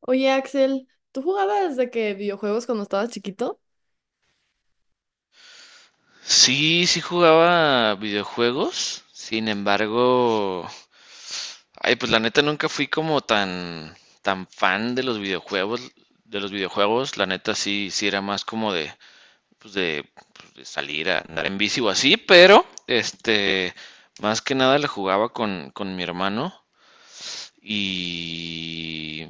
Oye, Axel, ¿tú jugabas de que videojuegos cuando estabas chiquito? Sí, sí jugaba videojuegos. Sin embargo, ay, pues la neta nunca fui como tan fan de los videojuegos, de los videojuegos. La neta sí era más como de pues de, pues, de salir a andar en bici o así, pero este más que nada le jugaba con mi hermano y,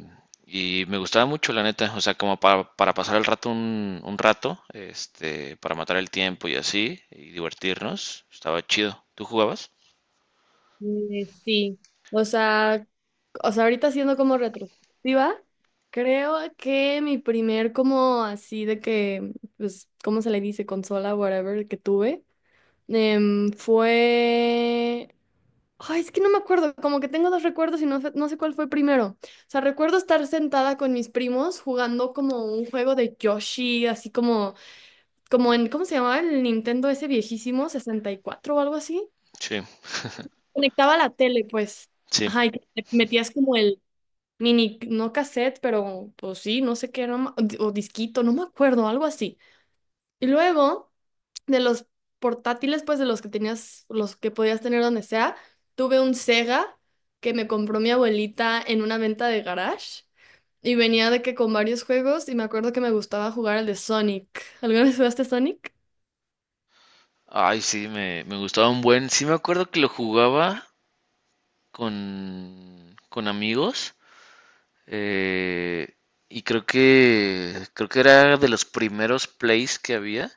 y me gustaba mucho, la neta, o sea, como para pasar el rato un rato, este, para matar el tiempo y así, y divertirnos, estaba chido. ¿Tú jugabas? Sí, o sea, O sea, ahorita siendo como retrospectiva, creo que mi primer como así de que, pues, ¿cómo se le dice? Consola, whatever, que tuve, fue... Ay, es que no me acuerdo, como que tengo dos recuerdos y no sé cuál fue primero. O sea, recuerdo estar sentada con mis primos jugando como un juego de Yoshi, como en, ¿cómo se llamaba el Nintendo ese viejísimo? 64 o algo así. Sí, Conectaba la tele, pues. sí. Ajá, y que te metías como el mini, no cassette, pero pues sí, no sé qué, no ma- o di- o disquito, no me acuerdo, algo así. Y luego, de los portátiles, pues de los que tenías, los que podías tener donde sea, tuve un Sega que me compró mi abuelita en una venta de garage. Y venía de que con varios juegos, y me acuerdo que me gustaba jugar el de Sonic. ¿Alguna vez jugaste Sonic? Ay, sí, me gustaba un buen. Sí, me acuerdo que lo jugaba con amigos. eh, y creo que era de los primeros plays que había.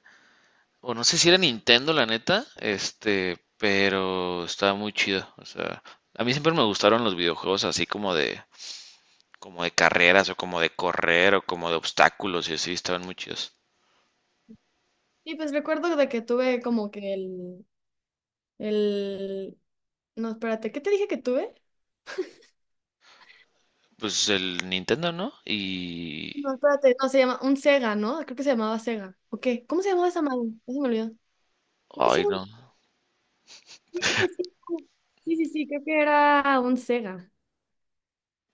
O no sé si era Nintendo, la neta, este, pero estaba muy chido. O sea, a mí siempre me gustaron los videojuegos así como de carreras o como de correr o como de obstáculos y así, estaban muy chidos. Y pues recuerdo de que tuve como que el... No, espérate, ¿qué te dije que tuve? Pues el Nintendo, ¿no? Y... No, espérate, no, se llama un Sega, ¿no? Creo que se llamaba Sega. ¿O qué? ¿Cómo se llamaba esa madre? Ya se me olvidó. Creo que sí, ay, no, sí, creo que sí. Sí, sí, sí, creo que era un Sega.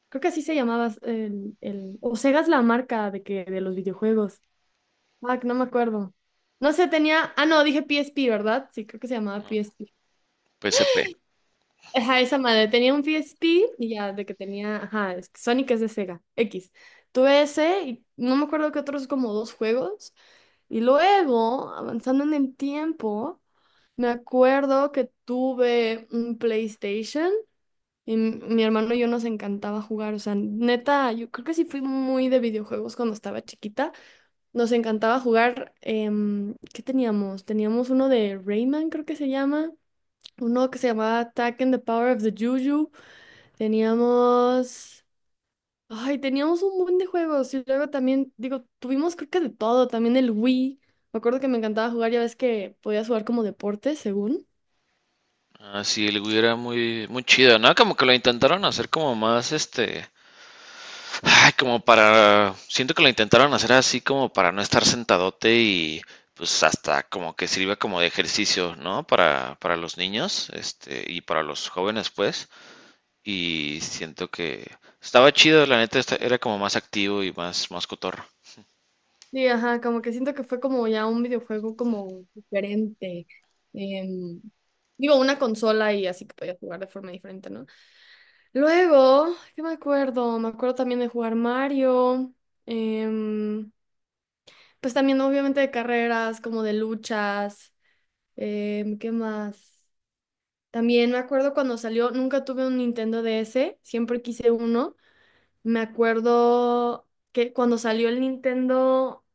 Creo que así se llamaba O Sega es la marca de que de los videojuegos. Ah, que no me acuerdo. No sé, tenía... Ah, no, dije PSP, ¿verdad? Sí, creo que se llamaba PSP. PSP. Ajá, esa madre. Tenía un PSP y ya, de que tenía, ajá, es que Sonic es de Sega, X. Tuve ese y no me acuerdo que otros como dos juegos. Y luego, avanzando en el tiempo, me acuerdo que tuve un PlayStation y mi hermano y yo nos encantaba jugar. O sea, neta, yo creo que sí fui muy de videojuegos cuando estaba chiquita. Nos encantaba jugar, ¿qué teníamos? Teníamos uno de Rayman, creo que se llama. Uno que se llamaba Attack and the Power of the Juju. Teníamos, teníamos un buen de juegos y luego también, digo, tuvimos creo que de todo, también el Wii. Me acuerdo que me encantaba jugar, ya ves que podías jugar como deporte, según. Así el Wii era muy chido, ¿no? Como que lo intentaron hacer como más, este, ay, como para, siento que lo intentaron hacer así como para no estar sentadote y pues hasta como que sirva como de ejercicio, ¿no? Para los niños, este, y para los jóvenes, pues. Y siento que estaba chido, la neta, era como más activo y más cotorro. Sí, ajá, como que siento que fue como ya un videojuego como diferente. em, Digo, una consola y así que podías jugar de forma diferente, ¿no? Luego, ¿qué me acuerdo? Me acuerdo también de jugar Mario. em, pues también obviamente de carreras, como de luchas. ¿Qué más? También me acuerdo cuando salió, nunca tuve un Nintendo DS, siempre quise uno. Me acuerdo que cuando salió el Nintendo,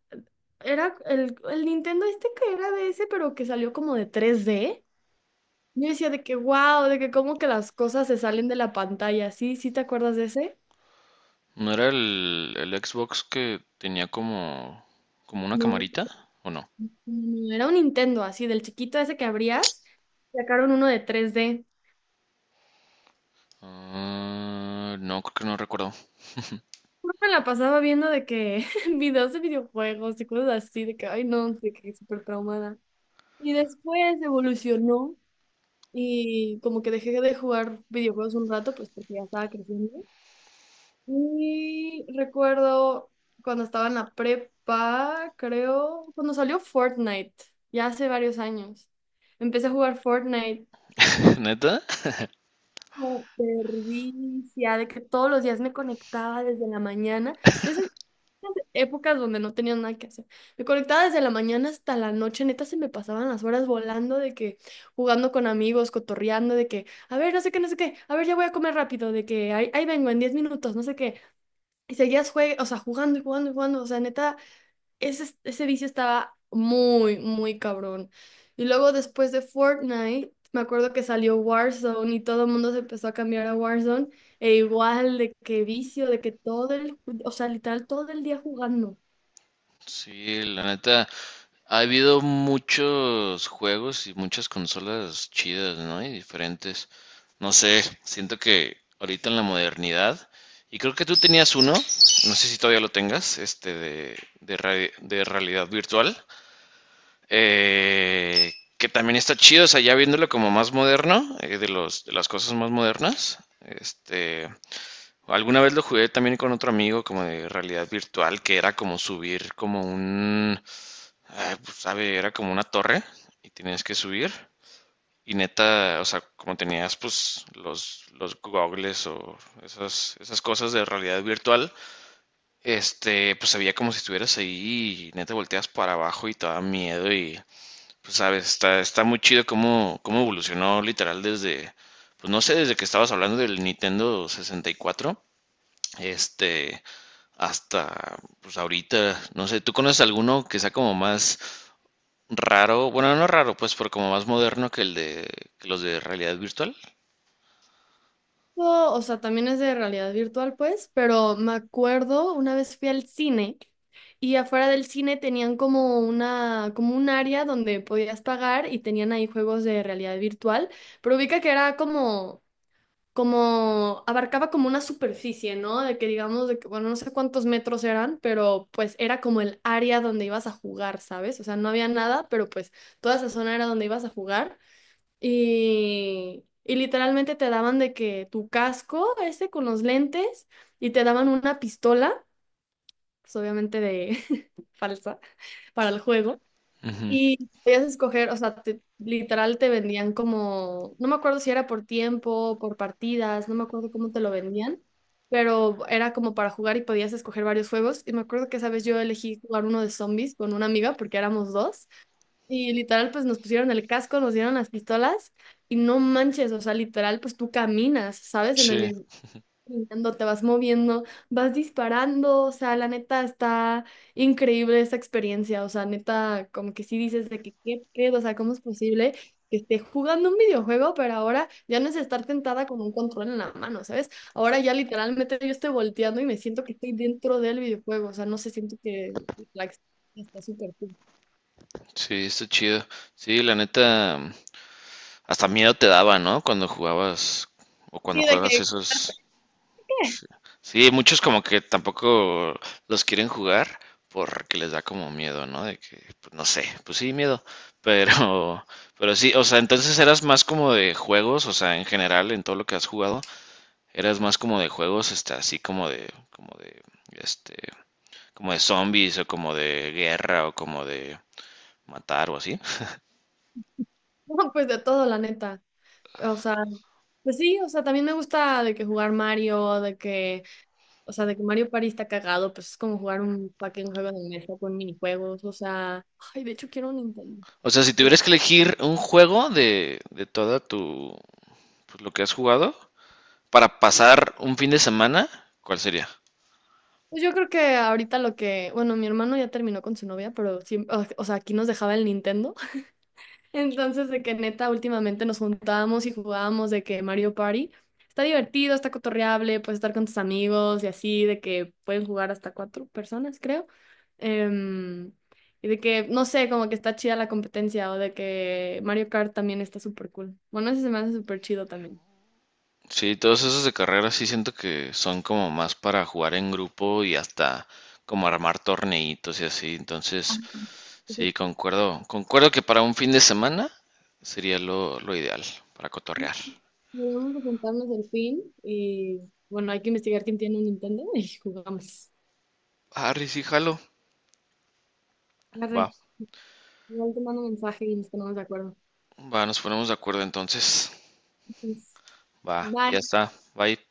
era el Nintendo este que era DS, pero que salió como de 3D. Yo decía de que, wow, de que como que las cosas se salen de la pantalla. ¿Sí? ¿Sí te acuerdas de ese? ¿No era el Xbox que tenía como, como una No, camarita? ¿O no? no, era un Nintendo así, del chiquito ese que abrías, sacaron uno de 3D. Ah, no, creo que no recuerdo. Yo me la pasaba viendo de que videos de videojuegos y cosas así, de que, ay no, de que súper traumada. Y después evolucionó y como que dejé de jugar videojuegos un rato, pues porque ya estaba creciendo. Y recuerdo cuando estaba en la prepa, creo, cuando salió Fortnite, ya hace varios años. Empecé a jugar Fortnite ¿Neta? súper vicia, de que todos los días me conectaba desde la mañana, de esas épocas donde no tenía nada que hacer. Me conectaba desde la mañana hasta la noche, neta se me pasaban las horas volando de que jugando con amigos, cotorreando, de que, a ver, no sé qué, no sé qué, a ver, ya voy a comer rápido, de que ahí vengo en 10 minutos, no sé qué. Y seguías o sea, jugando y jugando y jugando, o sea, neta ese vicio estaba muy, muy cabrón. Y luego después de Fortnite, me acuerdo que salió Warzone y todo el mundo se empezó a cambiar a Warzone. E igual de que vicio, de que o sea, literal todo el día jugando. Sí, la neta. Ha habido muchos juegos y muchas consolas chidas, ¿no? Y diferentes. No sé, siento que ahorita en la modernidad, y creo que tú tenías uno, no sé si todavía lo tengas, este de realidad virtual, que también está chido, o sea, ya viéndolo como más moderno, de de las cosas más modernas, este, alguna vez lo jugué también con otro amigo como de realidad virtual, que era como subir como un... ah, pues, a ver, era como una torre y tenías que subir. Y neta, o sea, como tenías pues los goggles o esas cosas de realidad virtual, este, pues se veía como si estuvieras ahí y neta volteas para abajo y te daba miedo y pues sabes, está muy chido cómo evolucionó literal desde, pues no sé, desde que estabas hablando del Nintendo 64, este, hasta pues ahorita, no sé, ¿tú conoces alguno que sea como más... raro, bueno, no raro, pues, pero como más moderno que los de realidad virtual. No, o sea, también es de realidad virtual, pues, pero me acuerdo una vez fui al cine y afuera del cine tenían como un área donde podías pagar y tenían ahí juegos de realidad virtual, pero ubica que era como abarcaba como una superficie, ¿no? De que digamos, de que, bueno, no sé cuántos metros eran, pero pues era como el área donde ibas a jugar, ¿sabes? O sea, no había nada, pero pues toda esa zona era donde ibas a jugar y literalmente te daban de que tu casco ese con los lentes y te daban una pistola, pues obviamente de falsa, para el juego. Ujú. Y podías escoger, o sea, literal te vendían como, no me acuerdo si era por tiempo, por partidas, no me acuerdo cómo te lo vendían, pero era como para jugar y podías escoger varios juegos. Y me acuerdo que esa vez yo elegí jugar uno de zombies con una amiga porque éramos dos. Y literal, pues nos pusieron el casco, nos dieron las pistolas y no manches, o sea, literal, pues tú caminas, ¿sabes? En el Sí, video brincando, te vas moviendo, vas disparando, o sea, la neta está increíble esa experiencia, o sea, neta, como que sí dices de que qué pedo, o sea, ¿cómo es posible que esté jugando un videojuego? Pero ahora ya no es estar tentada con un control en la mano, ¿sabes? Ahora ya literalmente yo estoy volteando y me siento que estoy dentro del videojuego, o sea, no se siento que la experiencia está súper cool. sí, está chido. Sí, la neta, hasta miedo te daba, ¿no? Cuando jugabas o cuando Sí, de juegas que, esos. Sí, sí, muchos como que tampoco los quieren jugar porque les da como miedo, ¿no? De que, pues, no sé, pues sí, miedo. Pero, pero sí, o sea, entonces eras más como de juegos, o sea, en general, en todo lo que has jugado. Eras más como de juegos, este, así este, como de zombies o como de guerra o como de matar o así. no, pues de todo, la neta, o sea, pues sí, o sea, también me gusta de que jugar Mario, de que o sea, de que Mario Party está cagado, pues es como jugar un fucking juego de mesa con minijuegos. O sea, ay, de hecho quiero un Nintendo. O sea, si Sí. tuvieras que elegir un juego de toda tu, pues, lo que has jugado para pasar un fin de semana, ¿cuál sería? Pues yo creo que ahorita lo que, bueno, mi hermano ya terminó con su novia, pero siempre, o sea, aquí nos dejaba el Nintendo. Entonces, de que neta, últimamente nos juntábamos y jugábamos de que Mario Party está divertido, está cotorreable, puedes estar con tus amigos y así, de que pueden jugar hasta cuatro personas, creo. Em, y de que, no sé, como que está chida la competencia o de que Mario Kart también está súper cool. Bueno, ese se me hace súper chido también. Sí, todos esos de carrera sí siento que son como más para jugar en grupo y hasta como armar torneitos y así. Entonces, sí, Perfecto. concuerdo, concuerdo que para un fin de semana sería lo ideal para cotorrear. Sí, vamos a juntarnos al fin y bueno, hay que investigar quién tiene un Nintendo y jugamos. Harry, sí, jalo. Arre, Va, igual te mando un mensaje y nos ponemos de acuerdo. va, nos ponemos de acuerdo entonces. Entonces, Va, ya bye. está. Bye.